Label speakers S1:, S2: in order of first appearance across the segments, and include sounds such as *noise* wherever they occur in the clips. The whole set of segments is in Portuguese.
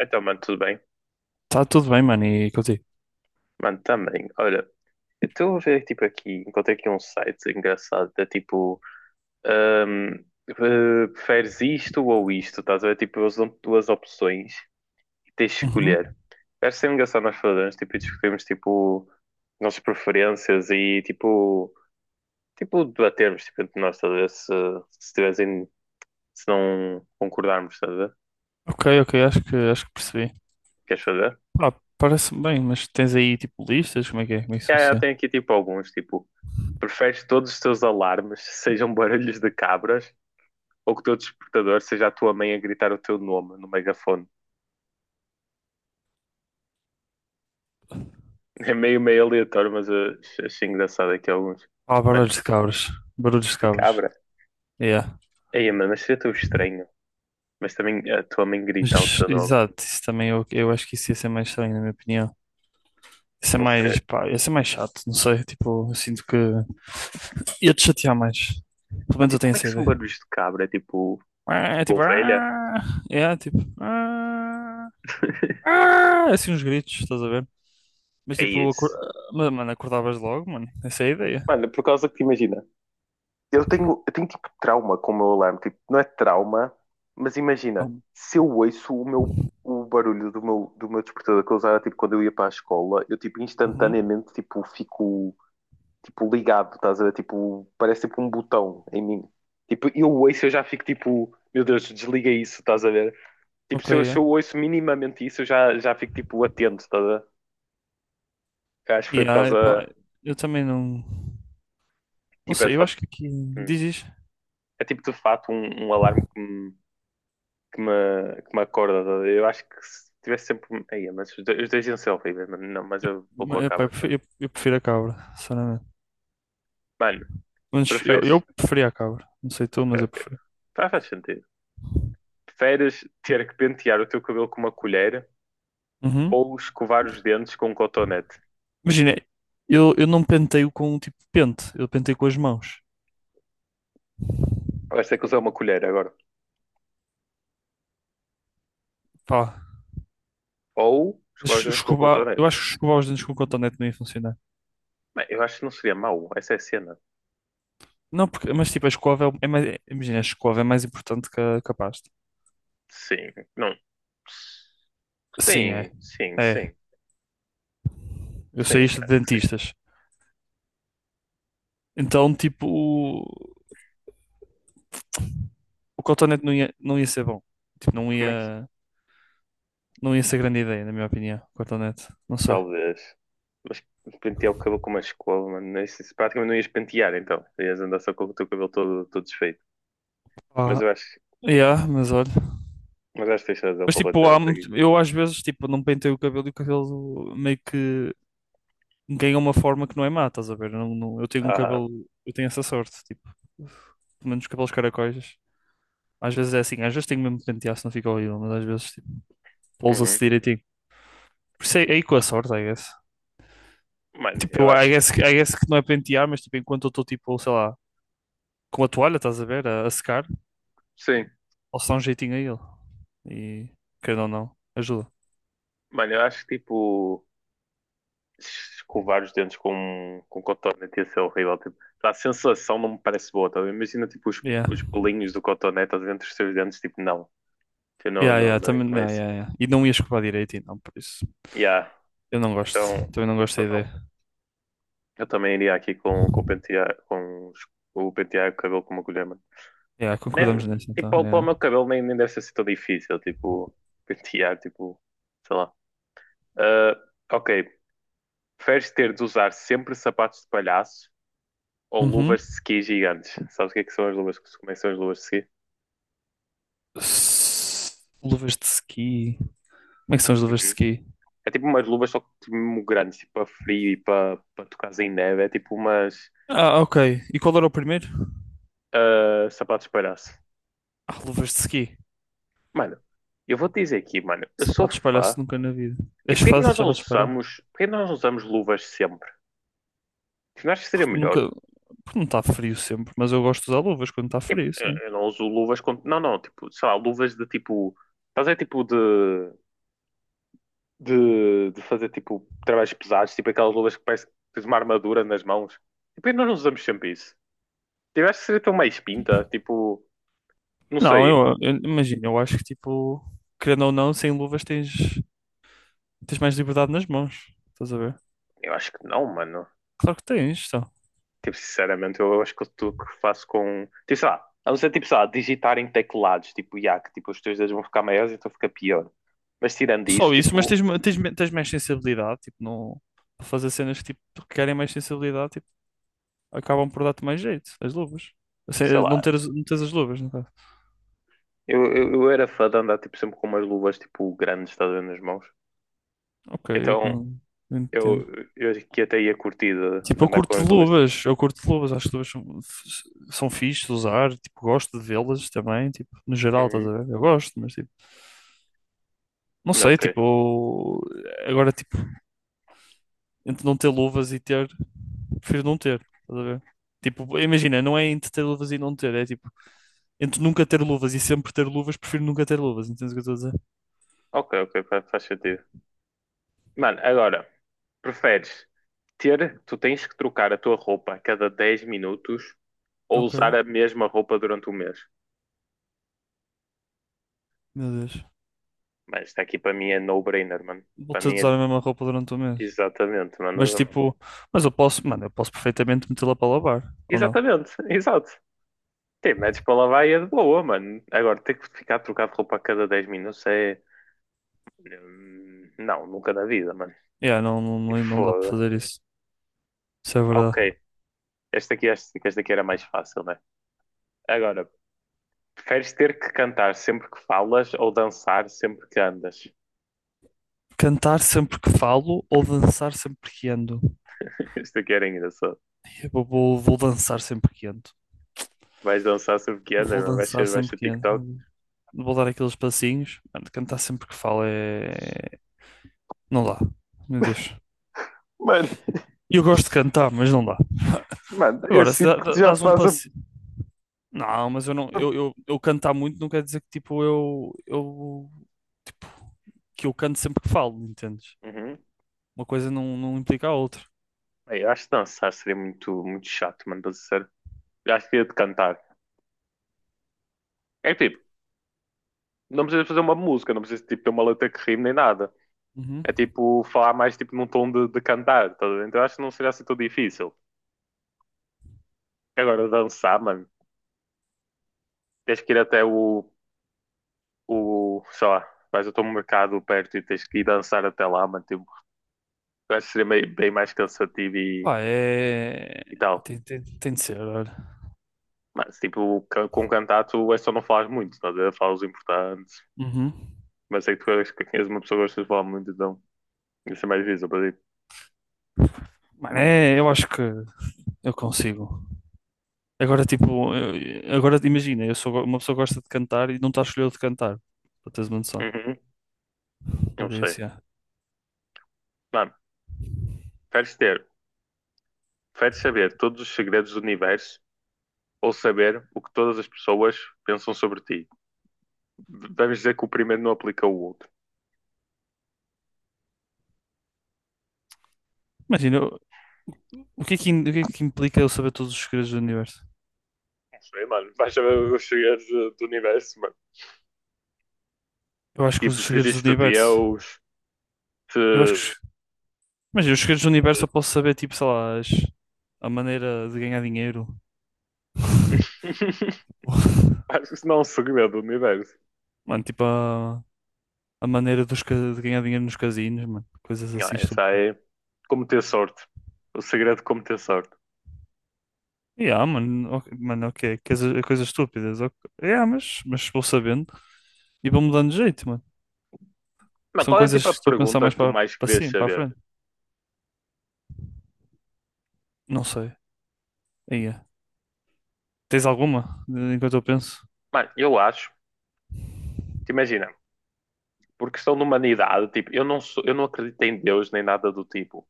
S1: Então, mano, tudo bem?
S2: Tá tudo bem, mano, e contigo?
S1: Mano, também. Olha, eu estou a ver, tipo, aqui, encontrei aqui um site engraçado, é tipo, ahm, eh, preferes isto ou isto, estás a ver? Tipo, eles dão duas opções e tens de escolher.
S2: Uhum.
S1: Acho sempre engraçado nós fazermos, tipo, e discutirmos, tipo, nossas preferências e, tipo, tipo, debatermos, tipo, entre nós, estás a ver? Se tivessem, se não concordarmos, estás a ver?
S2: Ok, ok, acho que percebi.
S1: Queres fazer?
S2: Pá, parece-me bem, mas tens aí tipo listas? Como é que é? Como é que isso
S1: É,
S2: funciona?
S1: tem aqui, tipo, alguns, tipo, preferes todos os teus alarmes *laughs* sejam barulhos de cabras ou que o teu despertador seja a tua mãe a gritar o teu nome no megafone. *laughs* É meio, meio aleatório, mas eu achei engraçado aqui alguns.
S2: Ah,
S1: Mano,
S2: barulhos de cabras. Barulhos de
S1: de
S2: cabras.
S1: cabra.
S2: Yeah.
S1: Ei, mano, mas seria tão estranho. Mas também a tua mãe gritar o
S2: Mas,
S1: teu nome.
S2: exato, isso também eu acho que isso ia ser mais estranho, na minha opinião. Isso é
S1: Não sei.
S2: mais, pá, ia ser mais chato, não sei, tipo, eu sinto que. Ia-te chatear mais. Pelo
S1: Ah,
S2: menos eu
S1: tipo,
S2: tenho
S1: como é que
S2: essa
S1: são
S2: ideia.
S1: barulhos de cabra? É tipo,
S2: Ah, É
S1: tipo
S2: tipo.
S1: ovelha?
S2: ah, É tipo. ah, É assim uns gritos, estás a ver? Mas
S1: É
S2: tipo,
S1: isso.
S2: mas, mano, acordavas logo, mano. Essa é a ideia.
S1: Mano, por causa que imagina, eu tenho tipo trauma com o meu alarme. Tipo, não é trauma, mas
S2: Ah.
S1: imagina, se eu ouço o meu o barulho do meu despertador que eu usava tipo, quando eu ia para a escola, eu tipo
S2: Uhum.
S1: instantaneamente tipo, fico tipo, ligado, estás a ver? Tipo, parece tipo um botão em mim. Tipo, eu ouço, eu já fico tipo, meu Deus, desliga isso, estás a ver? Tipo,
S2: Ok,
S1: se
S2: é.
S1: eu ouço minimamente isso, já fico tipo atento, estás a ver? Eu acho que foi por
S2: Yeah,
S1: causa,
S2: epá, eu também não. Não
S1: tipo, é de
S2: sei, eu
S1: fato,
S2: acho que aqui.
S1: hum,
S2: Dizes.
S1: é tipo de fato um alarme que me acorda. Tá. Eu acho que se tivesse sempre. Aí, mas os dois iam ser horríveis, mano. Não, mas eu vou com a
S2: Eu, epá,
S1: cabra. Tá.
S2: eu prefiro a cabra, sinceramente.
S1: Mano,
S2: Mas eu
S1: preferes.
S2: preferia a cabra. Não sei tu,
S1: Ok,
S2: mas eu
S1: ok.
S2: prefiro.
S1: Tá, faz sentido. Preferes ter que pentear o teu cabelo com uma colher
S2: Uhum.
S1: ou escovar os dentes com um cotonete?
S2: Imagina, eu não penteio com tipo pente, eu penteio com as mãos.
S1: Vais ter que usar uma colher agora.
S2: Pá,
S1: Ou
S2: mas
S1: escovar os dentes com um
S2: escovar, eu
S1: cotonete.
S2: acho que escovar os dentes com cotonete não ia funcionar.
S1: Bem, eu acho que não seria mau. Essa é a cena.
S2: Não, porque, mas tipo, a escova é mais, imagina, a escova é mais importante que a pasta.
S1: Sim, não.
S2: Sim,
S1: Sim,
S2: é.
S1: sim,
S2: É.
S1: sim.
S2: Eu sei
S1: Sim,
S2: isto de
S1: acho que sim.
S2: dentistas. Então, tipo, o cotonete não ia ser bom. Tipo, não
S1: Como é que
S2: ia, não ia ser grande ideia, na minha opinião, o cotonete. Não sei.
S1: Talvez. Mas pentear o cabelo com uma escova, mano. Isso, isso praticamente não ias pentear, então. Ias andar só com o teu cabelo todo, todo desfeito. Mas
S2: Ah,
S1: eu acho,
S2: yeah, mas olha.
S1: mas acho que tens razão
S2: Mas tipo,
S1: completamente aqui.
S2: eu às vezes, tipo, não penteio o cabelo e o cabelo meio que ganha uma forma que não é má, estás a ver? Eu, não- não- eu tenho um
S1: Aham.
S2: cabelo, eu tenho essa sorte, tipo, pelo menos cabelos caracóis. Às vezes é assim, às vezes tenho mesmo que pentear se não fica horrível, mas às vezes tipo, pousa-se
S1: Uhum.
S2: direitinho. Por isso é aí com a sorte, I guess.
S1: Mano, eu
S2: Tipo, I
S1: acho.
S2: guess, I guess que não é pentear, mas tipo, enquanto eu estou tipo, sei lá, com a toalha, estás a ver, a secar,
S1: Sim.
S2: posso dar um jeitinho a ele. E, querendo ou não, ajuda.
S1: Mano, eu acho que tipo. Escovar os dentes com cotonete ia ser horrível. Tipo, a sensação não me parece boa, tá? A ver? Imagina tipo
S2: Yeah.
S1: os pelinhos do cotonete dentro dos teus dentes, tipo, não. Eu não,
S2: Yeah,
S1: não,
S2: yeah,
S1: não ia
S2: também,
S1: com
S2: yeah,
S1: isso.
S2: yeah, yeah. E não ia escovar direitinho, não, por isso.
S1: Yeah.
S2: Eu não gosto,
S1: Então,
S2: também não gosto da
S1: então não.
S2: ideia.
S1: Eu também iria aqui com, o pentear, o pentear o cabelo com uma colher, mano.
S2: Yeah,
S1: Nem,
S2: concordamos nisso
S1: tipo,
S2: então.
S1: para o meu cabelo nem, nem deve ser assim tão difícil, tipo, *laughs* pentear, tipo, sei lá. Ah, ok, preferes ter de usar sempre sapatos de palhaço ou
S2: Yeah.
S1: luvas de ski gigantes? Sabes o que é que são as luvas? Como é que são as luvas de ski?
S2: S- Luvas de ski. Como é que são as luvas de
S1: Uhum.
S2: ski?
S1: É tipo umas luvas só que tipo, mesmo grandes, tipo, para frio e para, para tocar em neve, é tipo umas
S2: Ah, ok. E qual era o primeiro?
S1: ah, sapatos de palhaço.
S2: Ah, luvas de ski.
S1: Mano, eu vou te dizer aqui, mano, eu sou
S2: Sapato de
S1: fã.
S2: espalhaço nunca na vida.
S1: Tipo,
S2: És fácil, sapato de espalhaço.
S1: porquê que nós não usamos luvas sempre? Tipo, não acho que seria
S2: Porque
S1: melhor.
S2: nunca. Porque não está frio sempre, mas eu gosto de usar luvas quando está
S1: Tipo,
S2: frio, sim.
S1: eu não uso luvas com. Não, não, tipo, sei lá, luvas de tipo. Fazer tipo de, de. De fazer tipo trabalhos pesados, tipo aquelas luvas que parece que tens uma armadura nas mãos. E por que nós não usamos sempre isso? Tipo, eu acho que seria tão mais pinta, tipo, não
S2: Não,
S1: sei.
S2: eu imagino, eu acho que tipo, querendo ou não, sem luvas tens mais liberdade nas mãos. Estás a ver?
S1: Eu acho que não, mano.
S2: Claro que tens, então.
S1: Tipo, sinceramente, eu acho que tudo que faço com. Tipo, sei lá, a não ser tipo, sei lá, digitar em teclados, tipo, já, que tipo, os teus dedos vão ficar maiores, então fica pior. Mas tirando
S2: Não
S1: isso,
S2: só isso, mas
S1: tipo,
S2: tens, ma- tens, me- tens mais sensibilidade, tipo, não. Para fazer cenas que, tipo, que querem mais sensibilidade, tipo, acabam por dar-te mais jeito, as luvas. Assim,
S1: sei
S2: não
S1: lá,
S2: teres, não teres as luvas, no caso.
S1: eu era fã de andar tipo, sempre com umas luvas tipo grandes, estás a ver, nas mãos.
S2: Ok,
S1: Então
S2: eu entendo.
S1: eu, eu acho que até ia curtir
S2: Tipo,
S1: de
S2: eu
S1: andar com
S2: curto
S1: as
S2: de
S1: luvas. Tipo,
S2: luvas, eu curto de luvas, acho que luvas são, são fixe de usar, tipo, gosto de vê-las também, tipo, no geral, estás
S1: uhum.
S2: a ver? Eu gosto, mas tipo, não sei,
S1: Ok,
S2: tipo, agora, tipo, entre não ter luvas e ter, prefiro não ter, estás a ver? Tipo, imagina, não é entre ter luvas e não ter, é tipo, entre nunca ter luvas e sempre ter luvas, prefiro nunca ter luvas, entendes o que eu estou a dizer?
S1: ok, ok, faz sentido. Mano, agora, preferes ter, tu tens que trocar a tua roupa a cada 10 minutos ou
S2: Ok,
S1: usar a mesma roupa durante o mês?
S2: meu Deus.
S1: Mas está aqui para mim é no-brainer, mano.
S2: Vou
S1: Para
S2: ter
S1: mim
S2: de
S1: é
S2: usar a mesma roupa durante o mês.
S1: exatamente,
S2: Mas
S1: mano.
S2: tipo, mas eu posso perfeitamente metê-la para lavar, ou não?
S1: Exatamente, *laughs* exato. Sim, metes para lavar e é de boa, mano. Agora, ter que ficar a trocar de roupa a cada 10 minutos é. Não, nunca na vida, mano.
S2: Yeah, não, não,
S1: E
S2: não dá para
S1: foda.
S2: fazer isso. Isso é
S1: Ok,
S2: verdade.
S1: esta aqui era mais fácil, né? Agora, preferes ter que cantar sempre que falas ou dançar sempre que andas?
S2: Cantar sempre que falo ou dançar sempre que ando?
S1: *laughs* Esta aqui era engraçado.
S2: Eu vou dançar sempre que ando.
S1: Vais dançar sempre que andas,
S2: Vou
S1: mano?
S2: dançar
S1: Vais
S2: sempre
S1: ser
S2: que
S1: TikTok?
S2: ando. Vou dar aqueles passinhos. Mano, cantar sempre que falo é. Não dá. Meu Deus.
S1: Mano, *laughs*
S2: Eu gosto de cantar, mas não dá.
S1: mano, eu
S2: Agora, se
S1: sinto
S2: dá- dá-
S1: que já
S2: dás um
S1: faço a
S2: passo. Não, mas eu não, eu cantar muito não quer dizer que tipo eu tipo, que eu canto sempre que falo, entendes?
S1: Uhum.
S2: Uma coisa não implica a outra.
S1: Bem, eu acho que dançar seria muito, muito chato, mano, para ser sincero. Eu acho que ia de cantar. É tipo, não precisa fazer uma música, não precisa tipo, ter uma letra que rime nem nada.
S2: Uhum.
S1: É tipo falar mais tipo, num tom de cantar, tá? Então acho que não seria assim tão difícil. Agora dançar, mano, tens que ir até o sei lá, vais até um mercado perto e tens que ir dançar até lá, mano, tipo, eu acho que seria bem mais cansativo
S2: Pá, é.
S1: e tal.
S2: Tem de ser, olha.
S1: Mas tipo, com cantar tu é só não falas muito, tá? A ver? Falas importantes
S2: Uhum.
S1: mas sei que que és uma pessoa que gosta de falar muito, então isso é mais difícil para ti.
S2: Mano, é, eu acho que eu consigo. Agora, tipo, agora imagina, eu sou uma pessoa que gosta de cantar e não está a escolher de cantar, para teres uma noção.
S1: Uhum, não
S2: Por
S1: sei.
S2: isso, yeah.
S1: Mano, preferes ter Preferes saber todos os segredos do universo ou saber o que todas as pessoas pensam sobre ti? Vamos dizer que o primeiro não aplica o outro.
S2: Imagina, o que é que, o que é que implica eu saber todos os segredos do universo?
S1: Não sei, mano. Vais saber os segredos do universo, mano.
S2: Eu acho que os
S1: Tipo, se
S2: segredos do
S1: existe
S2: universo.
S1: Deus,
S2: Eu acho que
S1: se...
S2: os Mas eu, os segredos do universo, eu posso saber, tipo, sei lá, a maneira de ganhar dinheiro.
S1: *laughs*
S2: *laughs*
S1: Acho que isso não é um segredo do universo.
S2: Mano, tipo, a, a maneira de ganhar dinheiro nos casinos, mano. Coisas
S1: Não,
S2: assim
S1: essa
S2: estúpidas.
S1: é como ter sorte. O segredo de como ter sorte.
S2: Yeah, mano, ok, mano, ok. Coisas estúpidas. Ok. Yeah, mas vou sabendo e vou mudando de jeito, mano.
S1: Mas
S2: São
S1: qual é
S2: coisas
S1: tipo
S2: que
S1: a
S2: estou a pensar
S1: pergunta
S2: mais
S1: que tu
S2: para
S1: mais
S2: para
S1: querias
S2: cima, para a
S1: saber?
S2: frente. Não sei. Aí é. Tens alguma enquanto eu penso?
S1: Mano, eu acho, te imagina, por questão de humanidade, tipo, eu não acredito em Deus nem nada do tipo.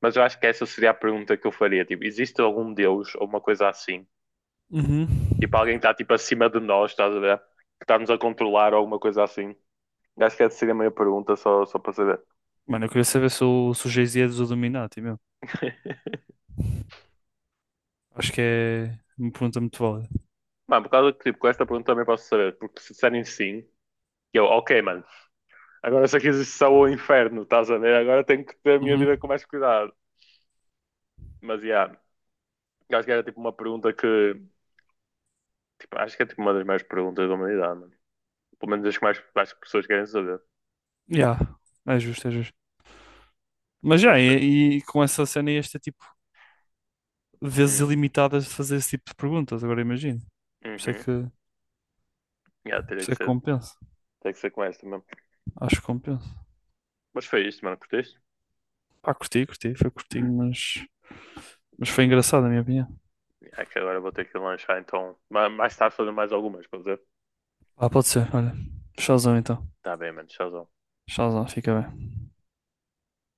S1: Mas eu acho que essa seria a pergunta que eu faria. Tipo, existe algum Deus ou uma coisa assim?
S2: Uhum.
S1: Tipo, alguém está tipo acima de nós, estás a ver? Que está-nos a controlar ou alguma coisa assim? Eu acho que essa seria a minha pergunta, só para saber.
S2: Mano, eu queria saber se o Jay-Z é dos Illuminati mesmo.
S1: *laughs*
S2: Acho que é uma pergunta muito válida.
S1: Mano, por causa que tipo, com esta pergunta também posso saber, porque se disserem sim, eu, ok, mano, agora se aqui existe só o inferno, estás a ver? Agora tenho que ter a minha
S2: Uhum.
S1: vida com mais cuidado. Mas, yeah, eu acho que era tipo uma pergunta que, tipo, acho que é tipo uma das maiores perguntas da humanidade, mano. Pelo menos as que mais pessoas querem saber.
S2: Yeah. É justo, é justo. Mas
S1: Mas
S2: já,
S1: foi.
S2: e com essa cena ias ter tipo vezes
S1: Hum,
S2: ilimitadas de fazer esse tipo de perguntas, agora imagino. Por isso é que,
S1: uhum,
S2: por
S1: yeah, teria
S2: isso
S1: que
S2: é que
S1: ser
S2: compensa.
S1: Tem que ser com esta mesmo.
S2: Acho que compensa.
S1: Mas foi isto, mano. Curtiste?
S2: Pá, curti, curti, foi curtinho, mas foi engraçado, na minha opinião.
S1: É que agora vou ter que lanchar, então. Mais tarde fazer mais algumas, para dizer?
S2: Ah, pode ser, olha. Chauzão então.
S1: Tá bem, mano. Tchauzão.
S2: Chauzão, fica bem.